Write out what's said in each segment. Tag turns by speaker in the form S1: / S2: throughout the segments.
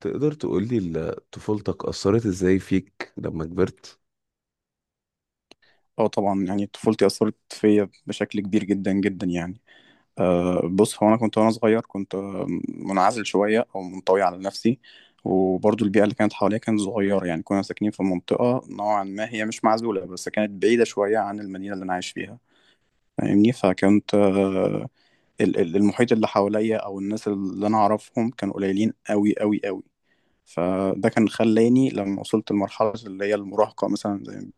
S1: تقدر تقولي طفولتك أثرت إزاي فيك لما كبرت؟
S2: اه طبعا، يعني طفولتي أثرت فيا بشكل كبير جدا جدا يعني. بص، هو أنا كنت وأنا صغير كنت منعزل شوية أو منطوي على نفسي. وبرضو البيئة اللي كانت حواليا كانت صغيرة، يعني كنا ساكنين في منطقة نوعا ما، هي مش معزولة بس كانت بعيدة شوية عن المدينة اللي أنا عايش فيها. فاهمني؟ فكنت أه ال- ال- المحيط اللي حواليا أو الناس اللي أنا أعرفهم كانوا قليلين أوي أوي أوي. فده كان خلاني لما وصلت لمرحلة اللي هي المراهقة مثلا،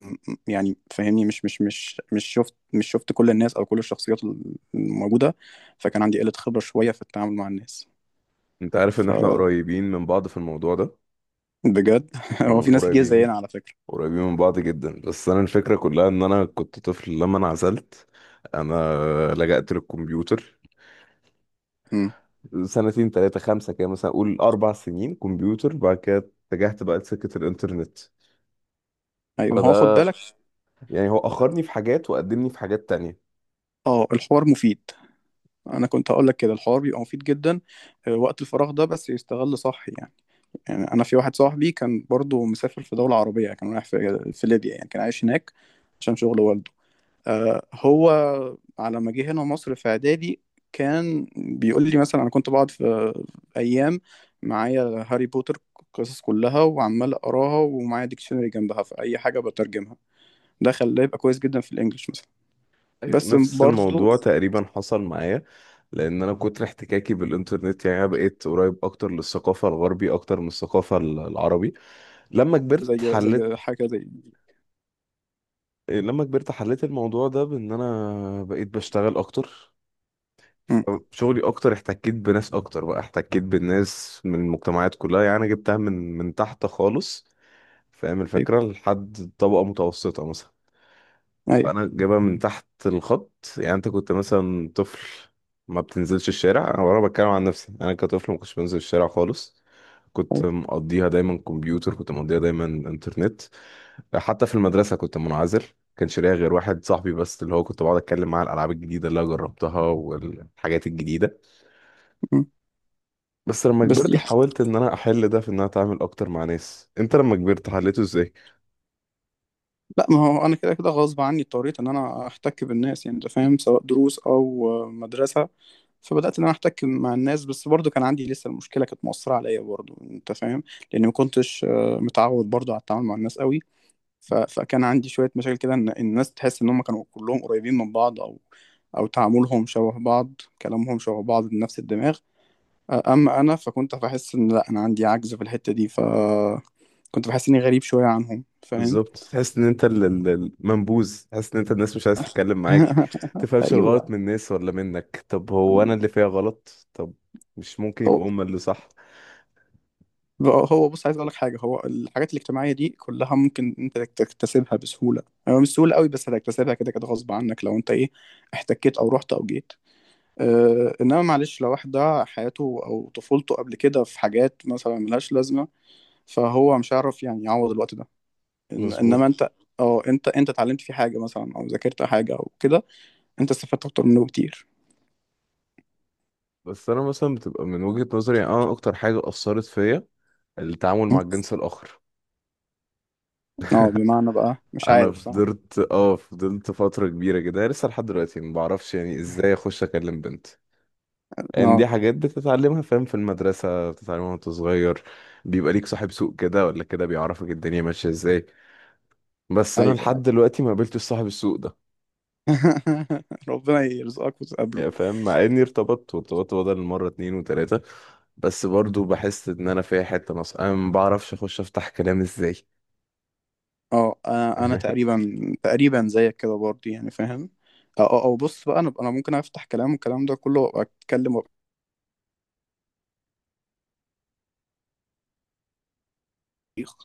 S2: يعني فاهمني مش شفت كل الناس او كل الشخصيات الموجوده، فكان عندي قله خبره شويه في التعامل مع الناس،
S1: أنت عارف إن إحنا
S2: فبجد.
S1: قريبين من بعض في الموضوع ده.
S2: هو في ناس كتير
S1: قريبين
S2: زينا على فكره.
S1: قريبين من بعض جدا، بس أنا الفكرة كلها إن أنا كنت طفل لما انعزلت. أنا لجأت للكمبيوتر
S2: امم،
S1: سنتين تلاتة خمسة كده، مثلا أقول 4 سنين كمبيوتر. بعد كده اتجهت بقى لسكة الإنترنت.
S2: ايوه، هو خد
S1: فده
S2: بالك.
S1: يعني هو أخرني في حاجات وقدمني في حاجات تانية.
S2: اه، الحوار مفيد، انا كنت هقول لك كده، الحوار بيبقى مفيد جدا. وقت الفراغ ده بس يستغل صح يعني. يعني انا في واحد صاحبي كان برضو مسافر في دوله عربيه، كان رايح في ليبيا، يعني كان عايش هناك عشان شغل والده. هو على ما جه هنا مصر في اعدادي، كان بيقول لي مثلا انا كنت بقعد في ايام معايا هاري بوتر، القصص كلها وعمال اقراها، ومعايا ديكشنري جنبها في اي حاجه بترجمها، ده خلاه يبقى كويس جدا في الانجليش مثلا.
S1: أيوة،
S2: بس
S1: نفس
S2: برضه،
S1: الموضوع تقريبا حصل معايا. لان انا كتر احتكاكي بالانترنت يعني أنا بقيت قريب اكتر للثقافه الغربي اكتر من الثقافه العربي. لما كبرت
S2: زي
S1: حليت
S2: زي حاجه زي.
S1: لما كبرت حليت الموضوع ده بان انا بقيت بشتغل اكتر،
S2: مم.
S1: شغلي اكتر. احتكيت بناس اكتر، بقى احتكيت بالناس من المجتمعات كلها، يعني أنا جبتها من تحت خالص، فاهم
S2: ايوه،
S1: الفكره، لحد طبقه متوسطه مثلا.
S2: ايوه،
S1: فانا جايبها من تحت الخط. يعني انت كنت مثلا طفل ما بتنزلش الشارع، انا ورا بتكلم عن نفسي، انا كطفل ما كنتش بنزل الشارع خالص. كنت
S2: ايوه.
S1: مقضيها دايما كمبيوتر، كنت مقضيها دايما انترنت. حتى في المدرسه كنت منعزل. كانش ليا غير واحد صاحبي بس، اللي هو كنت بقعد اتكلم معاه على الالعاب الجديده اللي انا جربتها والحاجات الجديده.
S2: مم.
S1: بس لما
S2: بس
S1: كبرت
S2: دي،
S1: حاولت ان انا احل ده في ان انا اتعامل اكتر مع ناس. انت لما كبرت حليته ازاي؟
S2: لا، ما هو انا كده كده غصب عني اضطريت ان انا احتك بالناس، يعني انت فاهم، سواء دروس او مدرسه. فبدات ان انا احتك مع الناس، بس برضو كان عندي لسه المشكله، كانت مؤثره عليا برضو، انت فاهم؟ لاني ما كنتش متعود برضو على التعامل مع الناس قوي. فكان عندي شويه مشاكل كده، ان الناس تحس ان هم كانوا كلهم قريبين من بعض، او او تعاملهم شبه بعض، كلامهم شبه بعض بنفس الدماغ. اما انا فكنت بحس ان لا، انا عندي عجز في الحته دي، ف كنت بحس اني غريب شويه عنهم، فاهم؟
S1: بالظبط، تحس ان انت المنبوذ، تحس ان انت الناس مش عايز تتكلم معاك. تفهمش الغلط
S2: ايوه.
S1: من الناس ولا منك، طب هو انا اللي فيها غلط؟ طب مش ممكن
S2: هو
S1: يبقوا هما اللي صح؟
S2: هو بص، عايز اقول لك حاجه، هو الحاجات الاجتماعيه دي كلها ممكن انت تكتسبها بسهوله، يعني مش سهوله قوي، بس هتكتسبها كده كده غصب عنك لو انت ايه، احتكيت او رحت او جيت. اه، انما معلش، لو واحد ده حياته او طفولته قبل كده في حاجات مثلا ملهاش لازمه، فهو مش هيعرف يعني يعوض الوقت ده. إن
S1: مظبوط.
S2: انما انت، اه، انت اتعلمت فيه حاجه مثلا او ذاكرت حاجه او كده، انت استفدت اكتر منه بكتير.
S1: بس انا مثلا بتبقى من وجهة نظري، يعني انا اكتر حاجة اثرت فيا التعامل مع الجنس الاخر.
S2: اه، بمعنى بقى، مش
S1: انا
S2: عارف صح.
S1: فضلت فضلت فترة كبيرة كده. أنا لسه لحد دلوقتي ما بعرفش يعني ازاي اخش اكلم بنت. ان
S2: اه.
S1: دي حاجات بتتعلمها، فاهم، في المدرسة بتتعلمها وانت صغير. بيبقى ليك صاحب سوق كده ولا كده بيعرفك الدنيا ماشية ازاي. بس انا
S2: ايوه.
S1: لحد دلوقتي ما قابلتش صاحب السوق ده.
S2: ربنا يرزقك وتقابله.
S1: يعني فاهم، مع اني ارتبطت وارتبطت بدل مرة اتنين وتلاتة. بس برضو بحس ان انا فيها حتة ناقصة، انا ما بعرفش اخش افتح كلام ازاي.
S2: اه، انا تقريبا تقريبا زيك كده برضه، يعني فاهم. اه، اه، بص بقى، انا ممكن افتح كلام والكلام ده كله، وابقى اتكلم وابقى صريخ.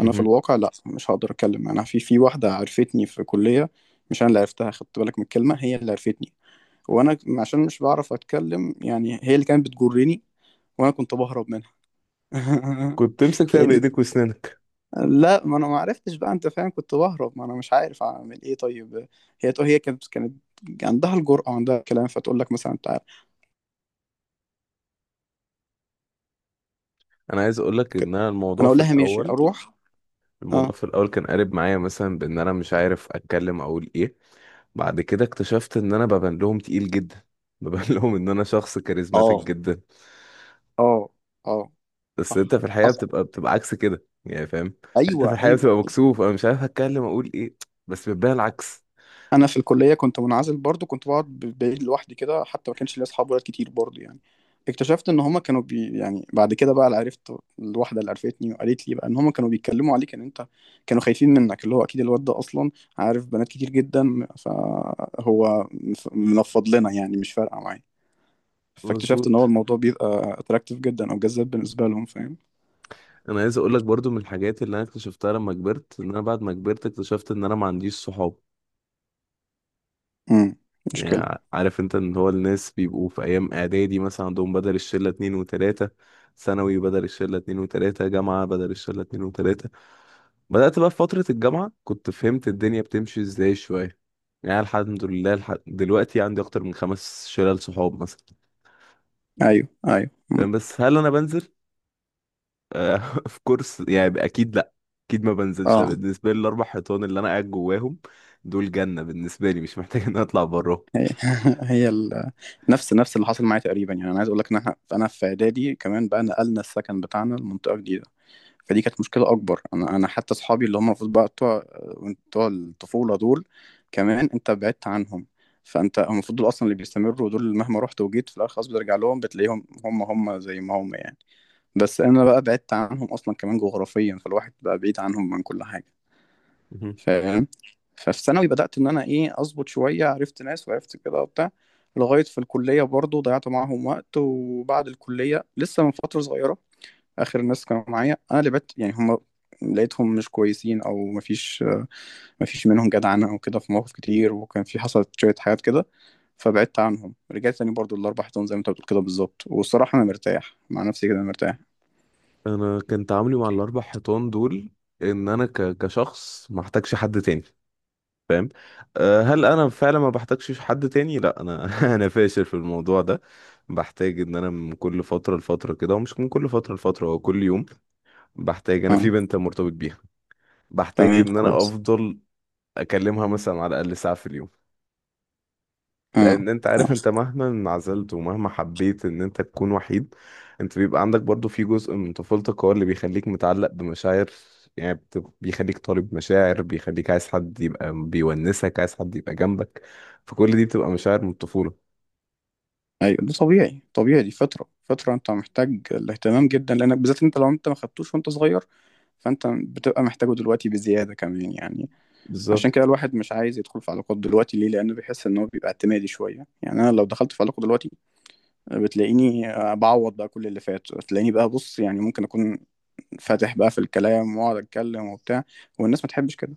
S2: انا في الواقع لا، مش هقدر اتكلم. انا في واحده عرفتني في كليه، مش انا اللي عرفتها، خدت بالك من الكلمه، هي اللي عرفتني، وانا عشان مش بعرف اتكلم يعني هي اللي كانت بتجرني، وانا كنت بهرب منها.
S1: كنت تمسك فيها
S2: لان
S1: بايديك واسنانك.
S2: لا، ما انا ما عرفتش بقى، انت فاهم، كنت بهرب، ما انا مش عارف اعمل ايه طيب. هي تقول، هي كانت عندها الجرأة وعندها الكلام، فتقول لك مثلا تعالى
S1: انا عايز اقول لك
S2: كده،
S1: ان انا
S2: انا اقول لها ماشي اروح.
S1: الموضوع
S2: اه،
S1: في الاول كان قالب معايا، مثلا بان انا مش عارف اتكلم اقول ايه. بعد كده اكتشفت ان انا ببان لهم تقيل جدا. ببان لهم ان انا شخص كاريزماتيك
S2: اه،
S1: جدا.
S2: اه، اه،
S1: بس
S2: صح.
S1: انت في الحقيقه
S2: حصل.
S1: بتبقى عكس كده، يعني فاهم. انت
S2: ايوه،
S1: في الحقيقه
S2: ايوه،
S1: بتبقى
S2: أيوه.
S1: مكسوف، انا مش عارف اتكلم اقول ايه، بس بتبان العكس.
S2: انا في الكليه كنت منعزل برضو، كنت بقعد بعيد لوحدي كده، حتى ما كانش ليا اصحاب ولاد كتير برضو يعني. اكتشفت ان هما كانوا بي، يعني بعد كده بقى اللي عرفت، الواحده اللي عرفتني وقالت لي بقى ان هما كانوا بيتكلموا عليك، ان انت كانوا خايفين منك، اللي هو اكيد الواد ده اصلا عارف بنات كتير جدا، فهو منفض لنا، يعني مش فارقه معايا. فاكتشفت ان هو
S1: مظبوط.
S2: الموضوع بيبقى اتراكتيف جدا او جذاب بالنسبه لهم، فاهم.
S1: انا عايز اقول لك برضو من الحاجات اللي انا اكتشفتها لما كبرت، ان انا بعد ما كبرت اكتشفت ان انا ما عنديش صحاب.
S2: امم. مشكله.
S1: يعني عارف انت، ان هو الناس بيبقوا في ايام اعدادي مثلا عندهم بدل الشله اتنين وتلاته، ثانوي بدل الشله اتنين وتلاته، جامعه بدل الشله اتنين وتلاته. بدأت بقى في فترة الجامعة كنت فهمت الدنيا بتمشي ازاي شوية. يعني الحمد لله، دلوقتي عندي أكتر من 5 شلال صحاب مثلا.
S2: ايوه، ايوه. امم.
S1: فاهم؟ بس هل أنا بنزل؟ آه، في كورس يعني أكيد لأ. أكيد ما بنزلش أنا،
S2: اه،
S1: بالنسبة لي الأربع حيطان اللي أنا قاعد جواهم دول جنة بالنسبة لي، مش محتاج إن أنا أطلع براهم.
S2: هي هي ال... نفس اللي حصل معايا تقريبا، يعني انا عايز اقول لك ان احنا، انا في اعدادي كمان بقى نقلنا السكن بتاعنا لمنطقه جديده، فدي كانت مشكله اكبر. انا حتى اصحابي اللي هم المفروض بقى بتوع الطفوله دول، كمان انت بعدت عنهم، فانت هم المفروض دول اصلا اللي بيستمروا، دول اللي مهما رحت وجيت في الاخر خلاص بترجع لهم، بتلاقيهم هم هم زي ما هم يعني. بس انا بقى بعدت عنهم اصلا كمان جغرافيا، فالواحد بقى بعيد عنهم من كل حاجه، فاهم. ففي ثانوي بدأت إن أنا إيه أظبط شوية، عرفت ناس وعرفت كده وبتاع، لغاية في الكلية برضو ضيعت معاهم وقت، وبعد الكلية لسه من فترة صغيرة آخر الناس كانوا معايا، أنا اللي بت يعني هم لقيتهم مش كويسين أو مفيش، مفيش منهم جدعنة أو كده في مواقف كتير، وكان في حصلت شوية حاجات كده، فبعدت عنهم، رجعت تاني برضو الأربع حيطان زي ما أنت بتقول كده بالظبط، والصراحة أنا مرتاح مع نفسي كده، مرتاح.
S1: انا كان تعاملي مع الاربع حيطان دول ان انا كشخص ما احتاجش حد تاني، فاهم. هل انا فعلا ما بحتاجش حد تاني؟ لا انا، انا فاشل في الموضوع ده. بحتاج ان انا من كل فتره لفتره كده، ومش من كل فتره لفتره، هو كل يوم. بحتاج انا في
S2: أه.
S1: بنت مرتبط بيها، بحتاج
S2: تمام
S1: ان انا
S2: كويس.
S1: افضل اكلمها مثلا على الاقل ساعه في اليوم.
S2: أه،
S1: لان انت عارف، انت مهما انعزلت ومهما حبيت ان انت تكون وحيد، انت بيبقى عندك برضو في جزء من طفولتك هو اللي بيخليك متعلق بمشاعر. يعني بيخليك طالب مشاعر، بيخليك عايز حد يبقى بيونسك، عايز حد يبقى جنبك. فكل دي بتبقى مشاعر من الطفولة.
S2: ايوه، ده طبيعي، طبيعي، دي فتره، فتره انت محتاج الاهتمام جدا، لانك بالذات انت لو انت ما خدتوش وانت صغير، فانت بتبقى محتاجه دلوقتي بزياده كمان يعني. عشان
S1: بالظبط.
S2: كده الواحد مش عايز يدخل في علاقات دلوقتي ليه؟ لانه بيحس ان هو بيبقى اعتمادي شويه. يعني انا لو دخلت في علاقه دلوقتي، بتلاقيني بعوض بقى كل اللي فات، بتلاقيني بقى، بص يعني، ممكن اكون فاتح بقى في الكلام، واقعد اتكلم وبتاع، والناس ما تحبش كده.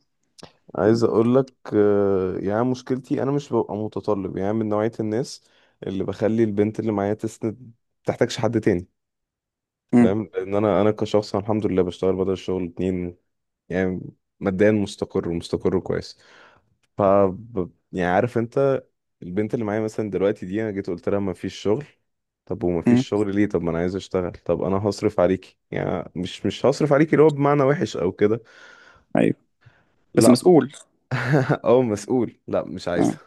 S1: عايز اقول لك يعني مشكلتي انا مش ببقى متطلب، يعني من نوعية الناس اللي بخلي البنت اللي معايا تسند، تحتاجش حد تاني،
S2: امم.
S1: فاهم. لان انا كشخص، أنا الحمد لله بشتغل بدل الشغل اتنين، يعني ماديا مستقر ومستقر كويس. ف يعني عارف انت، البنت اللي معايا مثلا دلوقتي دي انا جيت قلت لها ما فيش شغل. طب وما
S2: امم.
S1: فيش شغل ليه؟ طب ما انا عايز اشتغل. طب انا هصرف عليكي، يعني مش هصرف عليكي اللي هو بمعنى وحش او كده.
S2: ايوه، بس
S1: لا.
S2: مسؤول.
S1: او مسؤول. لا مش
S2: اه.
S1: عايزه،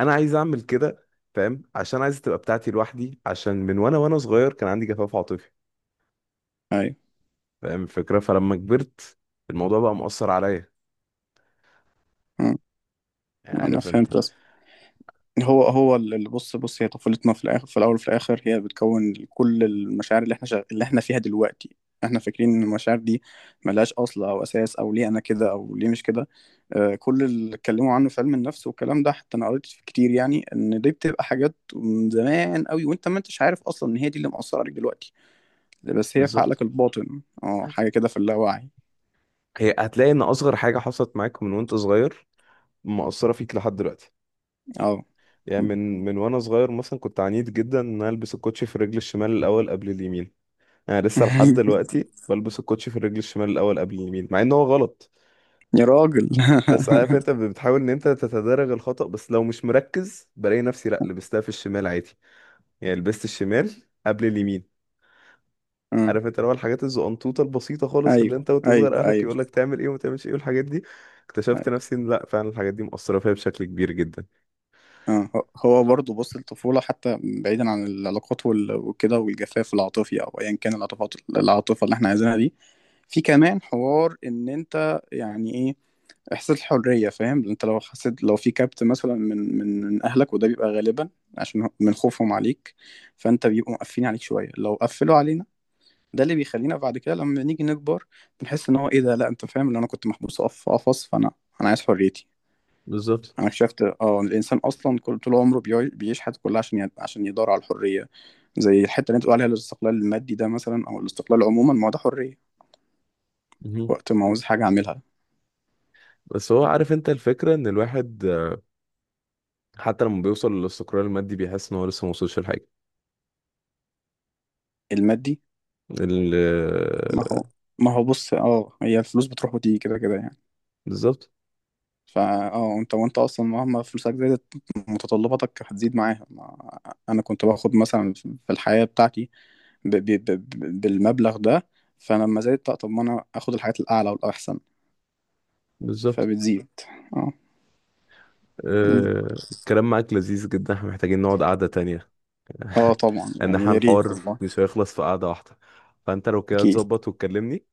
S1: انا عايز اعمل كده، فاهم، عشان عايز تبقى بتاعتي لوحدي، عشان من وانا صغير كان عندي جفاف عاطفي،
S2: ايوه.
S1: فاهم الفكره. فلما كبرت الموضوع بقى مؤثر عليا،
S2: امم.
S1: يعني
S2: انا
S1: عارف انت.
S2: فهمت، هو هو اللي، بص بص، هي طفولتنا في الاخر، في الاول وفي الاخر هي بتكون كل المشاعر اللي احنا اللي احنا فيها دلوقتي. احنا فاكرين ان المشاعر دي ملهاش اصل او اساس، او ليه انا كده او ليه مش كده. آه، كل اللي اتكلموا عنه في علم النفس والكلام ده، حتى انا قريت فيه كتير، يعني ان دي بتبقى حاجات من زمان قوي، وانت ما انتش عارف اصلا ان هي دي اللي مأثره عليك دلوقتي، بس هي في
S1: بالظبط.
S2: عقلك الباطن، اه، حاجه كده في اللاوعي.
S1: هي هتلاقي ان اصغر حاجه حصلت معاك من وانت صغير، مأثره فيك لحد دلوقتي.
S2: اه.
S1: يعني من وانا صغير مثلا كنت عنيد جدا ان أنا البس الكوتشي في الرجل الشمال الاول قبل اليمين. انا لسه لحد دلوقتي بلبس الكوتشي في الرجل الشمال الاول قبل اليمين، مع ان هو غلط.
S2: يا راجل.
S1: بس عارف انت، بتحاول ان انت تتدرج الخطأ، بس لو مش مركز بلاقي نفسي لا لبستها في الشمال عادي، يعني لبست الشمال قبل اليمين.
S2: آه،
S1: عارف انت، اللي هو الحاجات الزقنطوطه البسيطه خالص اللي
S2: ايوه،
S1: انت وانت صغير
S2: ايوه،
S1: اهلك
S2: ايوه.
S1: يقول لك تعمل ايه وما تعملش ايه والحاجات دي، اكتشفت نفسي ان لا فعلا الحاجات دي مؤثره فيا بشكل كبير جدا.
S2: اه، هو هو برضه، بص، الطفولة حتى بعيدا عن العلاقات وكده، والجفاف العاطفي أو أيا كان العاطفات العاطفة اللي احنا عايزينها دي، في كمان حوار، إن أنت يعني إيه إحساس الحرية، فاهم، أنت لو حسيت لو في كبت مثلا من أهلك، وده بيبقى غالبا عشان من خوفهم عليك، فأنت بيبقوا مقفلين عليك شوية، لو قفلوا علينا ده اللي بيخلينا بعد كده لما نيجي نكبر، بنحس إن هو إيه ده، لا، أنت فاهم إن أنا كنت محبوس في قفص، فأنا عايز حريتي.
S1: بالظبط.
S2: انا اكتشفت اه إن الانسان اصلا كل طول عمره بيعيش حياته كلها عشان عشان يدور على الحريه، زي الحته اللي انت بتقول عليها الاستقلال المادي ده مثلا، او الاستقلال عموما، ما هو ده حريه،
S1: مهم.
S2: وقت ما عاوز حاجه اعملها.
S1: بس هو عارف انت الفكره، ان الواحد حتى لما بيوصل للاستقرار المادي بيحس ان هو لسه ما وصلش لحاجه.
S2: المادي.
S1: ال-
S2: ما هو، بص، اه، هي الفلوس بتروح وتيجي كده كده يعني.
S1: بالظبط.
S2: فا اه انت وانت اصلا مهما فلوسك زادت، متطلباتك هتزيد معاها. انا كنت باخد مثلا في الحياه بتاعتي، بالمبلغ ده، فلما زادت، طب ما انا اخد الحاجات الاعلى والاحسن،
S1: بالظبط.
S2: فبتزيد. اه.
S1: الكلام معاك لذيذ جدا، احنا محتاجين نقعد قعده تانية.
S2: اه، طبعا
S1: ان
S2: يعني
S1: احنا
S2: يا ريت
S1: الحوار
S2: والله.
S1: مش هيخلص في قعده واحده، فانت لو كده
S2: اكيد.
S1: تظبط وتكلمني.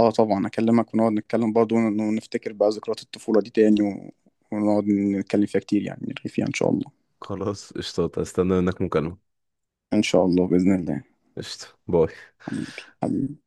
S2: اه، طبعا اكلمك ونقعد نتكلم برضه، ونفتكر بقى ذكريات الطفولة دي تاني ونقعد نتكلم فيها كتير، يعني نرغي فيها ان شاء الله.
S1: خلاص قشطة، استنى منك مكالمه.
S2: ان شاء الله بإذن الله.
S1: قشطة باي.
S2: حبيبي حبيبي.